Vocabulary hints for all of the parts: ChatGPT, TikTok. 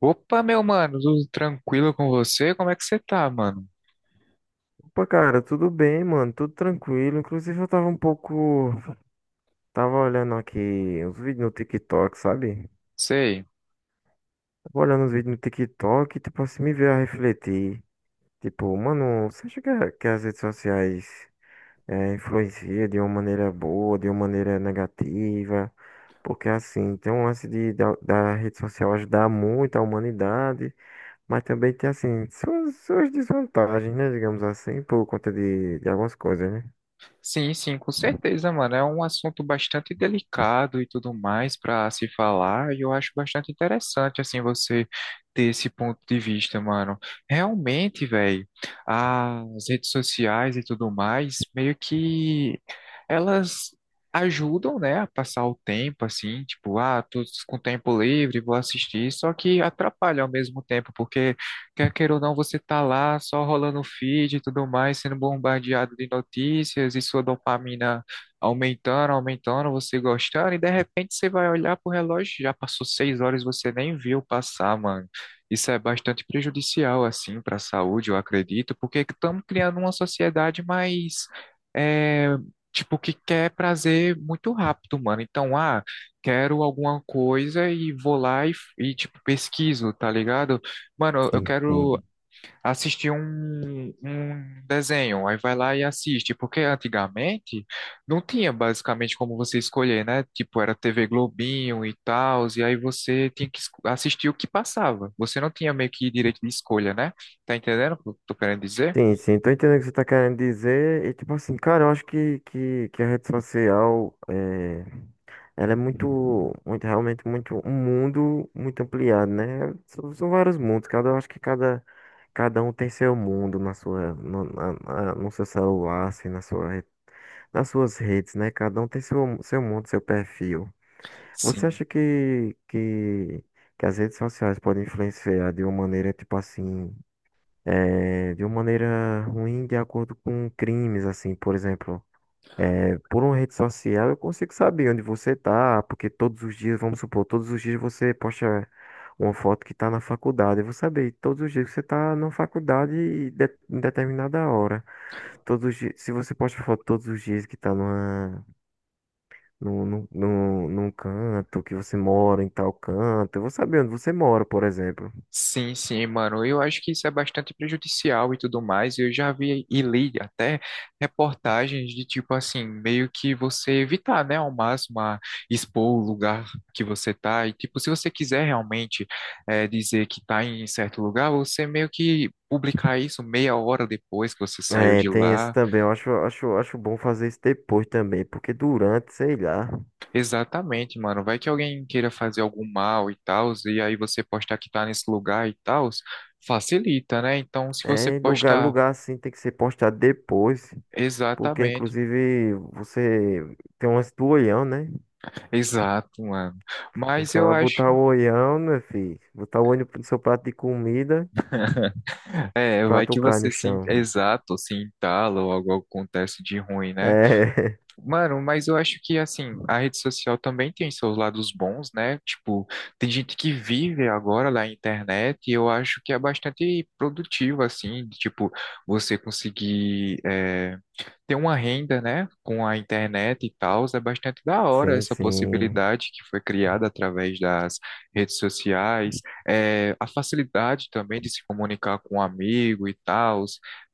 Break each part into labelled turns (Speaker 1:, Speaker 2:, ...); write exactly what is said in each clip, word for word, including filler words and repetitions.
Speaker 1: Opa, meu mano, tudo tranquilo com você? Como é que você tá, mano?
Speaker 2: Pô, cara, tudo bem, mano, tudo tranquilo. Inclusive, eu tava um pouco. Tava olhando aqui os vídeos no TikTok, sabe?
Speaker 1: Sei.
Speaker 2: Tava olhando os vídeos no TikTok e, tipo, assim, me veio a refletir. Tipo, mano, você acha que, a- que as redes sociais é, influenciam de uma maneira boa, de uma maneira negativa? Porque, assim, tem um lance de, da, da rede social ajudar muito a humanidade, mas também tem, assim, suas, suas desvantagens, né? Digamos assim, por conta de, de algumas coisas, né?
Speaker 1: Sim, sim, com certeza, mano. É um assunto bastante delicado e tudo mais pra se falar, e eu acho bastante interessante, assim, você ter esse ponto de vista, mano. Realmente, velho, as redes sociais e tudo mais, meio que elas ajudam, né, a passar o tempo, assim, tipo, ah, tô com tempo livre, vou assistir, só que atrapalha ao mesmo tempo, porque quer queira ou não, você tá lá só rolando o feed e tudo mais, sendo bombardeado de notícias e sua dopamina aumentando, aumentando, você gostando, e de repente você vai olhar pro relógio, já passou seis horas e você nem viu passar, mano. Isso é bastante prejudicial, assim, para a saúde, eu acredito, porque estamos criando uma sociedade mais, é, tipo, que quer prazer muito rápido, mano. Então, ah, quero alguma coisa e vou lá e, e tipo, pesquiso, tá ligado? Mano, eu
Speaker 2: Sim,
Speaker 1: quero
Speaker 2: sim.
Speaker 1: assistir um, um desenho. Aí vai lá e assiste. Porque antigamente não tinha basicamente como você escolher, né? Tipo, era T V Globinho e tal. E aí você tinha que esco- assistir o que passava. Você não tinha meio que direito de escolha, né? Tá entendendo o que eu tô querendo dizer?
Speaker 2: Sim, sim, tô entendendo o que você tá querendo dizer. E tipo assim, cara, eu acho que, que, que a rede social é, ela é muito, muito, realmente muito, um mundo muito ampliado, né? São, são vários mundos, cada, eu acho que cada, cada um tem seu mundo na sua, no, na- na- no seu celular, assim, na sua, re- nas suas redes, né? Cada um tem seu, seu mundo, seu perfil. Você
Speaker 1: Sim.
Speaker 2: acha que, que, que as redes sociais podem influenciar de uma maneira, tipo assim, eh, de uma maneira ruim de acordo com crimes, assim, por exemplo. eh, por uma rede social eu consigo saber onde você tá, porque todos os dias, vamos supor, todos os dias você posta uma foto que tá na faculdade. Eu vou saber todos os dias que você tá na faculdade e de- em determinada hora. Todos os dias, se você posta foto todos os dias que tá numa, num, num, num num canto, que você mora em tal canto, eu vou saber onde você mora, por exemplo.
Speaker 1: Sim, sim, mano. Eu acho que isso é bastante prejudicial e tudo mais. Eu já vi e li até reportagens de tipo assim, meio que você evitar, né, ao máximo a expor o lugar que você tá. E tipo, se você quiser realmente eh, dizer que tá em certo lugar, você meio que publicar isso meia hora depois que você saiu
Speaker 2: É,
Speaker 1: de
Speaker 2: tem esse
Speaker 1: lá.
Speaker 2: também. Eu acho, acho, acho bom fazer isso depois também, porque durante, sei lá,
Speaker 1: Exatamente, mano. Vai que alguém queira fazer algum mal e tal, e aí você postar que tá nesse lugar e tal facilita, né? Então, se você
Speaker 2: é lugar,
Speaker 1: posta
Speaker 2: lugar assim tem que ser postado depois, porque
Speaker 1: exatamente, mano.
Speaker 2: inclusive você tem um lance do olhão, né?
Speaker 1: Exato, mano.
Speaker 2: Que o
Speaker 1: Mas eu
Speaker 2: cara
Speaker 1: acho,
Speaker 2: botar o olhão, né, filho? Botar o olho no seu prato de comida
Speaker 1: é,
Speaker 2: pra
Speaker 1: vai que
Speaker 2: tocar
Speaker 1: você
Speaker 2: no
Speaker 1: se, en-
Speaker 2: chão.
Speaker 1: exato, se entala ou algo acontece de ruim, né?
Speaker 2: É,
Speaker 1: Mano, mas eu acho que assim, a rede social também tem seus lados bons, né? Tipo, tem gente que vive agora na internet e eu acho que é bastante produtivo, assim, de, tipo, você conseguir é, ter uma renda, né, com a internet e tal, é bastante da hora
Speaker 2: sim,
Speaker 1: essa
Speaker 2: sim,
Speaker 1: possibilidade que foi criada através das redes sociais, é, a facilidade também de se comunicar com um amigo e tal,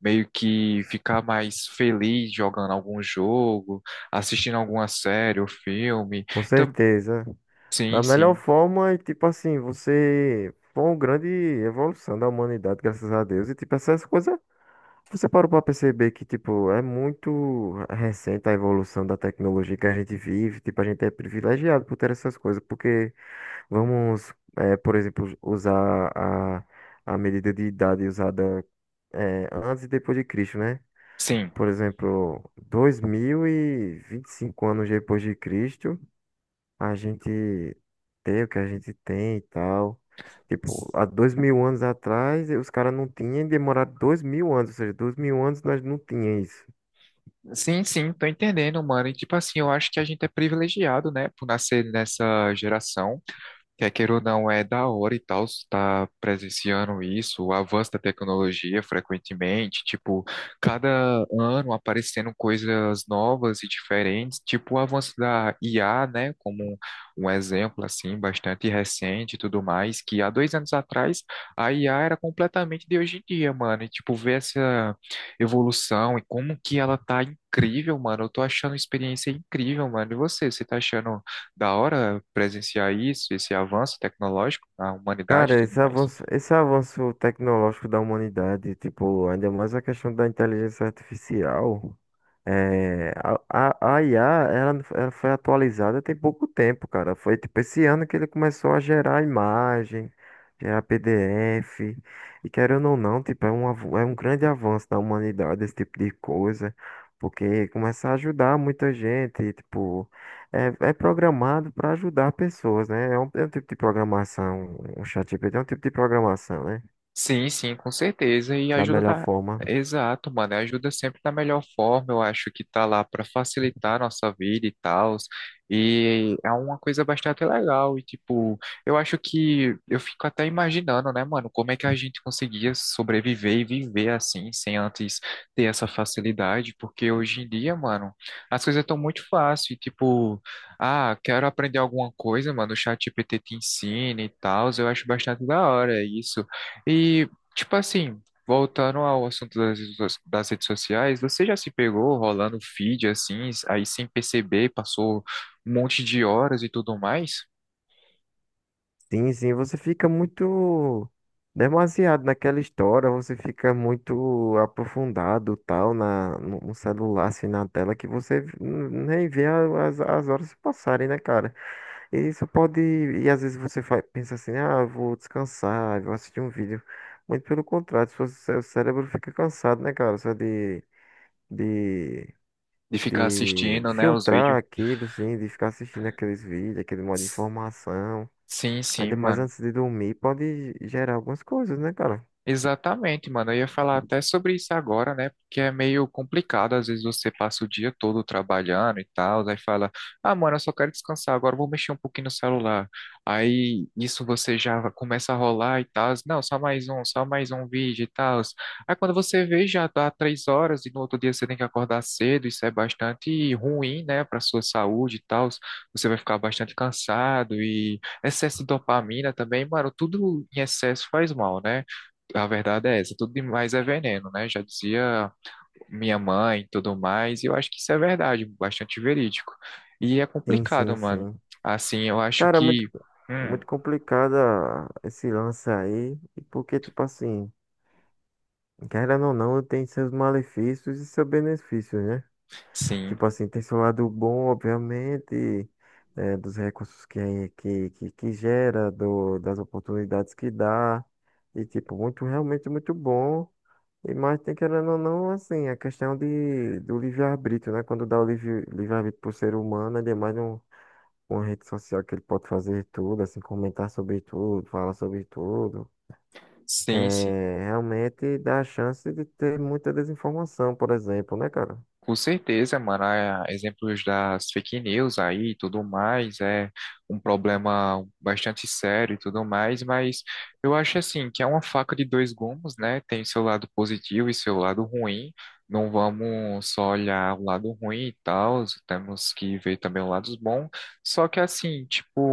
Speaker 1: meio que ficar mais feliz jogando algum jogo, assistindo alguma série ou filme.
Speaker 2: com
Speaker 1: Então,
Speaker 2: certeza.
Speaker 1: sim,
Speaker 2: Da melhor
Speaker 1: sim,
Speaker 2: forma, e tipo assim, você foi uma grande evolução da humanidade, graças a Deus, e tipo essas coisas. Você parou para perceber que, tipo, é muito recente a evolução da tecnologia que a gente vive. Tipo, a gente é privilegiado por ter essas coisas, porque vamos, eh, por exemplo, usar a, a medida de idade usada, eh, antes e depois de Cristo, né?
Speaker 1: sim.
Speaker 2: Por exemplo, dois mil e e vinte e cinco anos depois de Cristo a gente ter o que a gente tem e tal. Tipo, há dois mil anos atrás, eh, os caras não tinham e demoraram dois mil anos, ou seja, dois mil anos nós não tínhamos isso.
Speaker 1: Sim, sim, tô entendendo, mano. E tipo assim, eu acho que a gente é privilegiado, né, por nascer nessa geração. Quer queira ou não, é da hora e tal, está presenciando isso, o avanço da tecnologia frequentemente, tipo, cada ano aparecendo coisas novas e diferentes, tipo o avanço da I A, né, como um exemplo, assim, bastante recente e tudo mais, que há dois anos atrás a I A era completamente de hoje em dia, mano, e, tipo, ver essa evolução e como que ela tá incrível, mano, eu tô achando uma experiência incrível, mano, e você, você tá achando da hora presenciar isso, esse avanço tecnológico na humanidade e
Speaker 2: Cara,
Speaker 1: tudo
Speaker 2: esse
Speaker 1: mais.
Speaker 2: avanço, esse avanço tecnológico da humanidade, tipo, ainda mais a questão da inteligência artificial. É, a, a, a I A, ela, ela foi atualizada tem pouco tempo, cara. Foi tipo esse ano que ele começou a gerar imagem, gerar P D F. E querendo ou não, tipo, é um, avu- é um grande avanço da humanidade esse tipo de coisa. Porque começa a ajudar muita gente, e, tipo, é, é programado para ajudar pessoas, né? É um, é um tipo de programação, um ChatGPT é um tipo de programação, né?
Speaker 1: Sim, sim, com certeza. E
Speaker 2: Da
Speaker 1: ajuda
Speaker 2: melhor
Speaker 1: da...
Speaker 2: forma.
Speaker 1: Exato, mano. Ajuda sempre da melhor forma. Eu acho que tá lá para facilitar a nossa vida e tal. E é uma coisa bastante legal. E, tipo, eu acho que eu fico até imaginando, né, mano, como é que a gente conseguia sobreviver e viver assim, sem antes ter essa facilidade. Porque hoje em dia, mano, as coisas estão muito fáceis. Tipo, ah, quero aprender alguma coisa, mano. O ChatGPT te ensina e tal. Eu acho bastante da hora isso. E, tipo assim, voltando ao assunto das, redes so- das redes sociais, você já se pegou rolando feed assim, aí sem perceber, passou um monte de horas e tudo mais,
Speaker 2: Sim, sim, você fica muito demasiado naquela história, você fica muito aprofundado tal na no no celular, assim, na tela que você n- nem vê a- as, as horas passarem, né, cara? E isso pode e às vezes você fa- pensa assim, ah, eu vou descansar, vou assistir um vídeo. Muito pelo contrário, seu, seu cérebro fica cansado, né, cara? Só de de
Speaker 1: de ficar
Speaker 2: de, de
Speaker 1: assistindo, né, os
Speaker 2: filtrar
Speaker 1: vídeos?
Speaker 2: aquilo, assim, de ficar assistindo aqueles vídeos, aquele modo de
Speaker 1: S-
Speaker 2: informação.
Speaker 1: Sim, sim,
Speaker 2: Ainda mais
Speaker 1: mano.
Speaker 2: antes de dormir, pode gerar algumas coisas, né, cara?
Speaker 1: Exatamente, mano. Eu ia falar até sobre isso agora, né? Porque é meio complicado. Às vezes você passa o dia todo trabalhando e tal, aí fala: ah, mano, eu só quero descansar, agora eu vou mexer um pouquinho no celular. Aí isso você já começa a rolar e tal. Não, só mais um, só mais um vídeo e tal. Aí quando você vê, já dá três horas e no outro dia você tem que acordar cedo. Isso é bastante ruim, né, para sua saúde e tal. Você vai ficar bastante cansado e excesso de dopamina também, mano. Tudo em excesso faz mal, né? A verdade é essa, tudo demais é veneno, né? Já dizia minha mãe e tudo mais, e eu acho que isso é verdade, bastante verídico. E é
Speaker 2: Sim,
Speaker 1: complicado,
Speaker 2: sim,
Speaker 1: mano.
Speaker 2: sim.
Speaker 1: Assim, eu acho
Speaker 2: Cara, é muito,
Speaker 1: que. Hum,
Speaker 2: muito complicada esse lance aí. E porque, tipo assim, querendo ou não, tem seus malefícios e seus benefícios, né?
Speaker 1: sim,
Speaker 2: Tipo assim, tem seu lado bom, obviamente, eh, dos recursos que, que, que, que gera, do, das oportunidades que dá. E, tipo, muito, realmente muito bom. E mais tem querendo ou não, assim, a questão de, do livre-arbítrio, né? Quando dá o livre- livre-arbítrio pro ser humano, é demais um, uma rede social que ele pode fazer tudo, assim, comentar sobre tudo, falar sobre tudo.
Speaker 1: sim, sim.
Speaker 2: É, realmente dá a chance de ter muita desinformação, por exemplo, né, cara?
Speaker 1: Com certeza, mano. Ah, é, exemplos das fake news aí e tudo mais é um problema bastante sério e tudo mais, mas eu acho assim que é uma faca de dois gumes, né? Tem seu lado positivo e seu lado ruim. Não vamos só olhar o lado ruim e tal, temos que ver também o lado bom. Só que assim,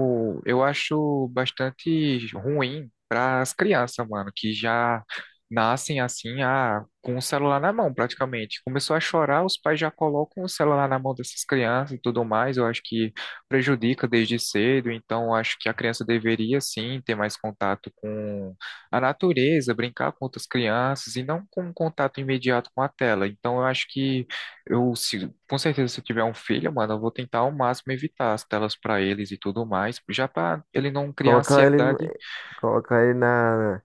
Speaker 1: tipo, eu acho bastante ruim para as crianças, mano, que já nascem assim, ah, com o celular na mão, praticamente. Começou a chorar, os pais já colocam o celular na mão dessas crianças e tudo mais. Eu acho que prejudica desde cedo, então eu acho que a criança deveria sim ter mais contato com a natureza, brincar com outras crianças e não com um contato imediato com a tela. Então eu acho que eu se- com certeza, se eu tiver um filho, mano, eu vou tentar ao máximo evitar as telas pra eles e tudo mais, já pra ele não criar
Speaker 2: Colocar ele,
Speaker 1: ansiedade.
Speaker 2: colocar ele na,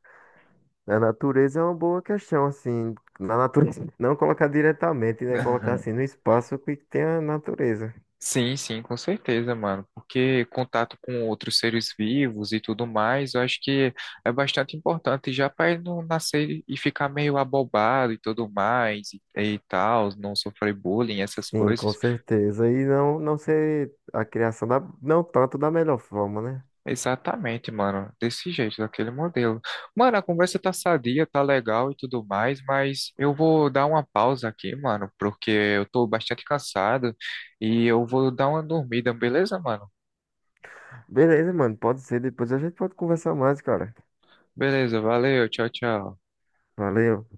Speaker 2: na natureza é uma boa questão, assim. Na natureza, não colocar diretamente, né? Colocar assim no espaço que tem a natureza.
Speaker 1: Sim, sim, com certeza, mano, porque contato com outros seres vivos e tudo mais, eu acho que é bastante importante já pra ele não nascer e ficar meio abobado e tudo mais e, e tal, não sofrer bullying, essas
Speaker 2: Sim, com
Speaker 1: coisas.
Speaker 2: certeza. E não, não ser a criação da, não tanto da melhor forma, né?
Speaker 1: Exatamente, mano. Desse jeito, daquele modelo. Mano, a conversa tá sadia, tá legal e tudo mais, mas eu vou dar uma pausa aqui, mano, porque eu tô bastante cansado e eu vou dar uma dormida, beleza, mano?
Speaker 2: Beleza, mano, pode ser. Depois a gente pode conversar mais, cara.
Speaker 1: Beleza, valeu, tchau, tchau.
Speaker 2: Valeu.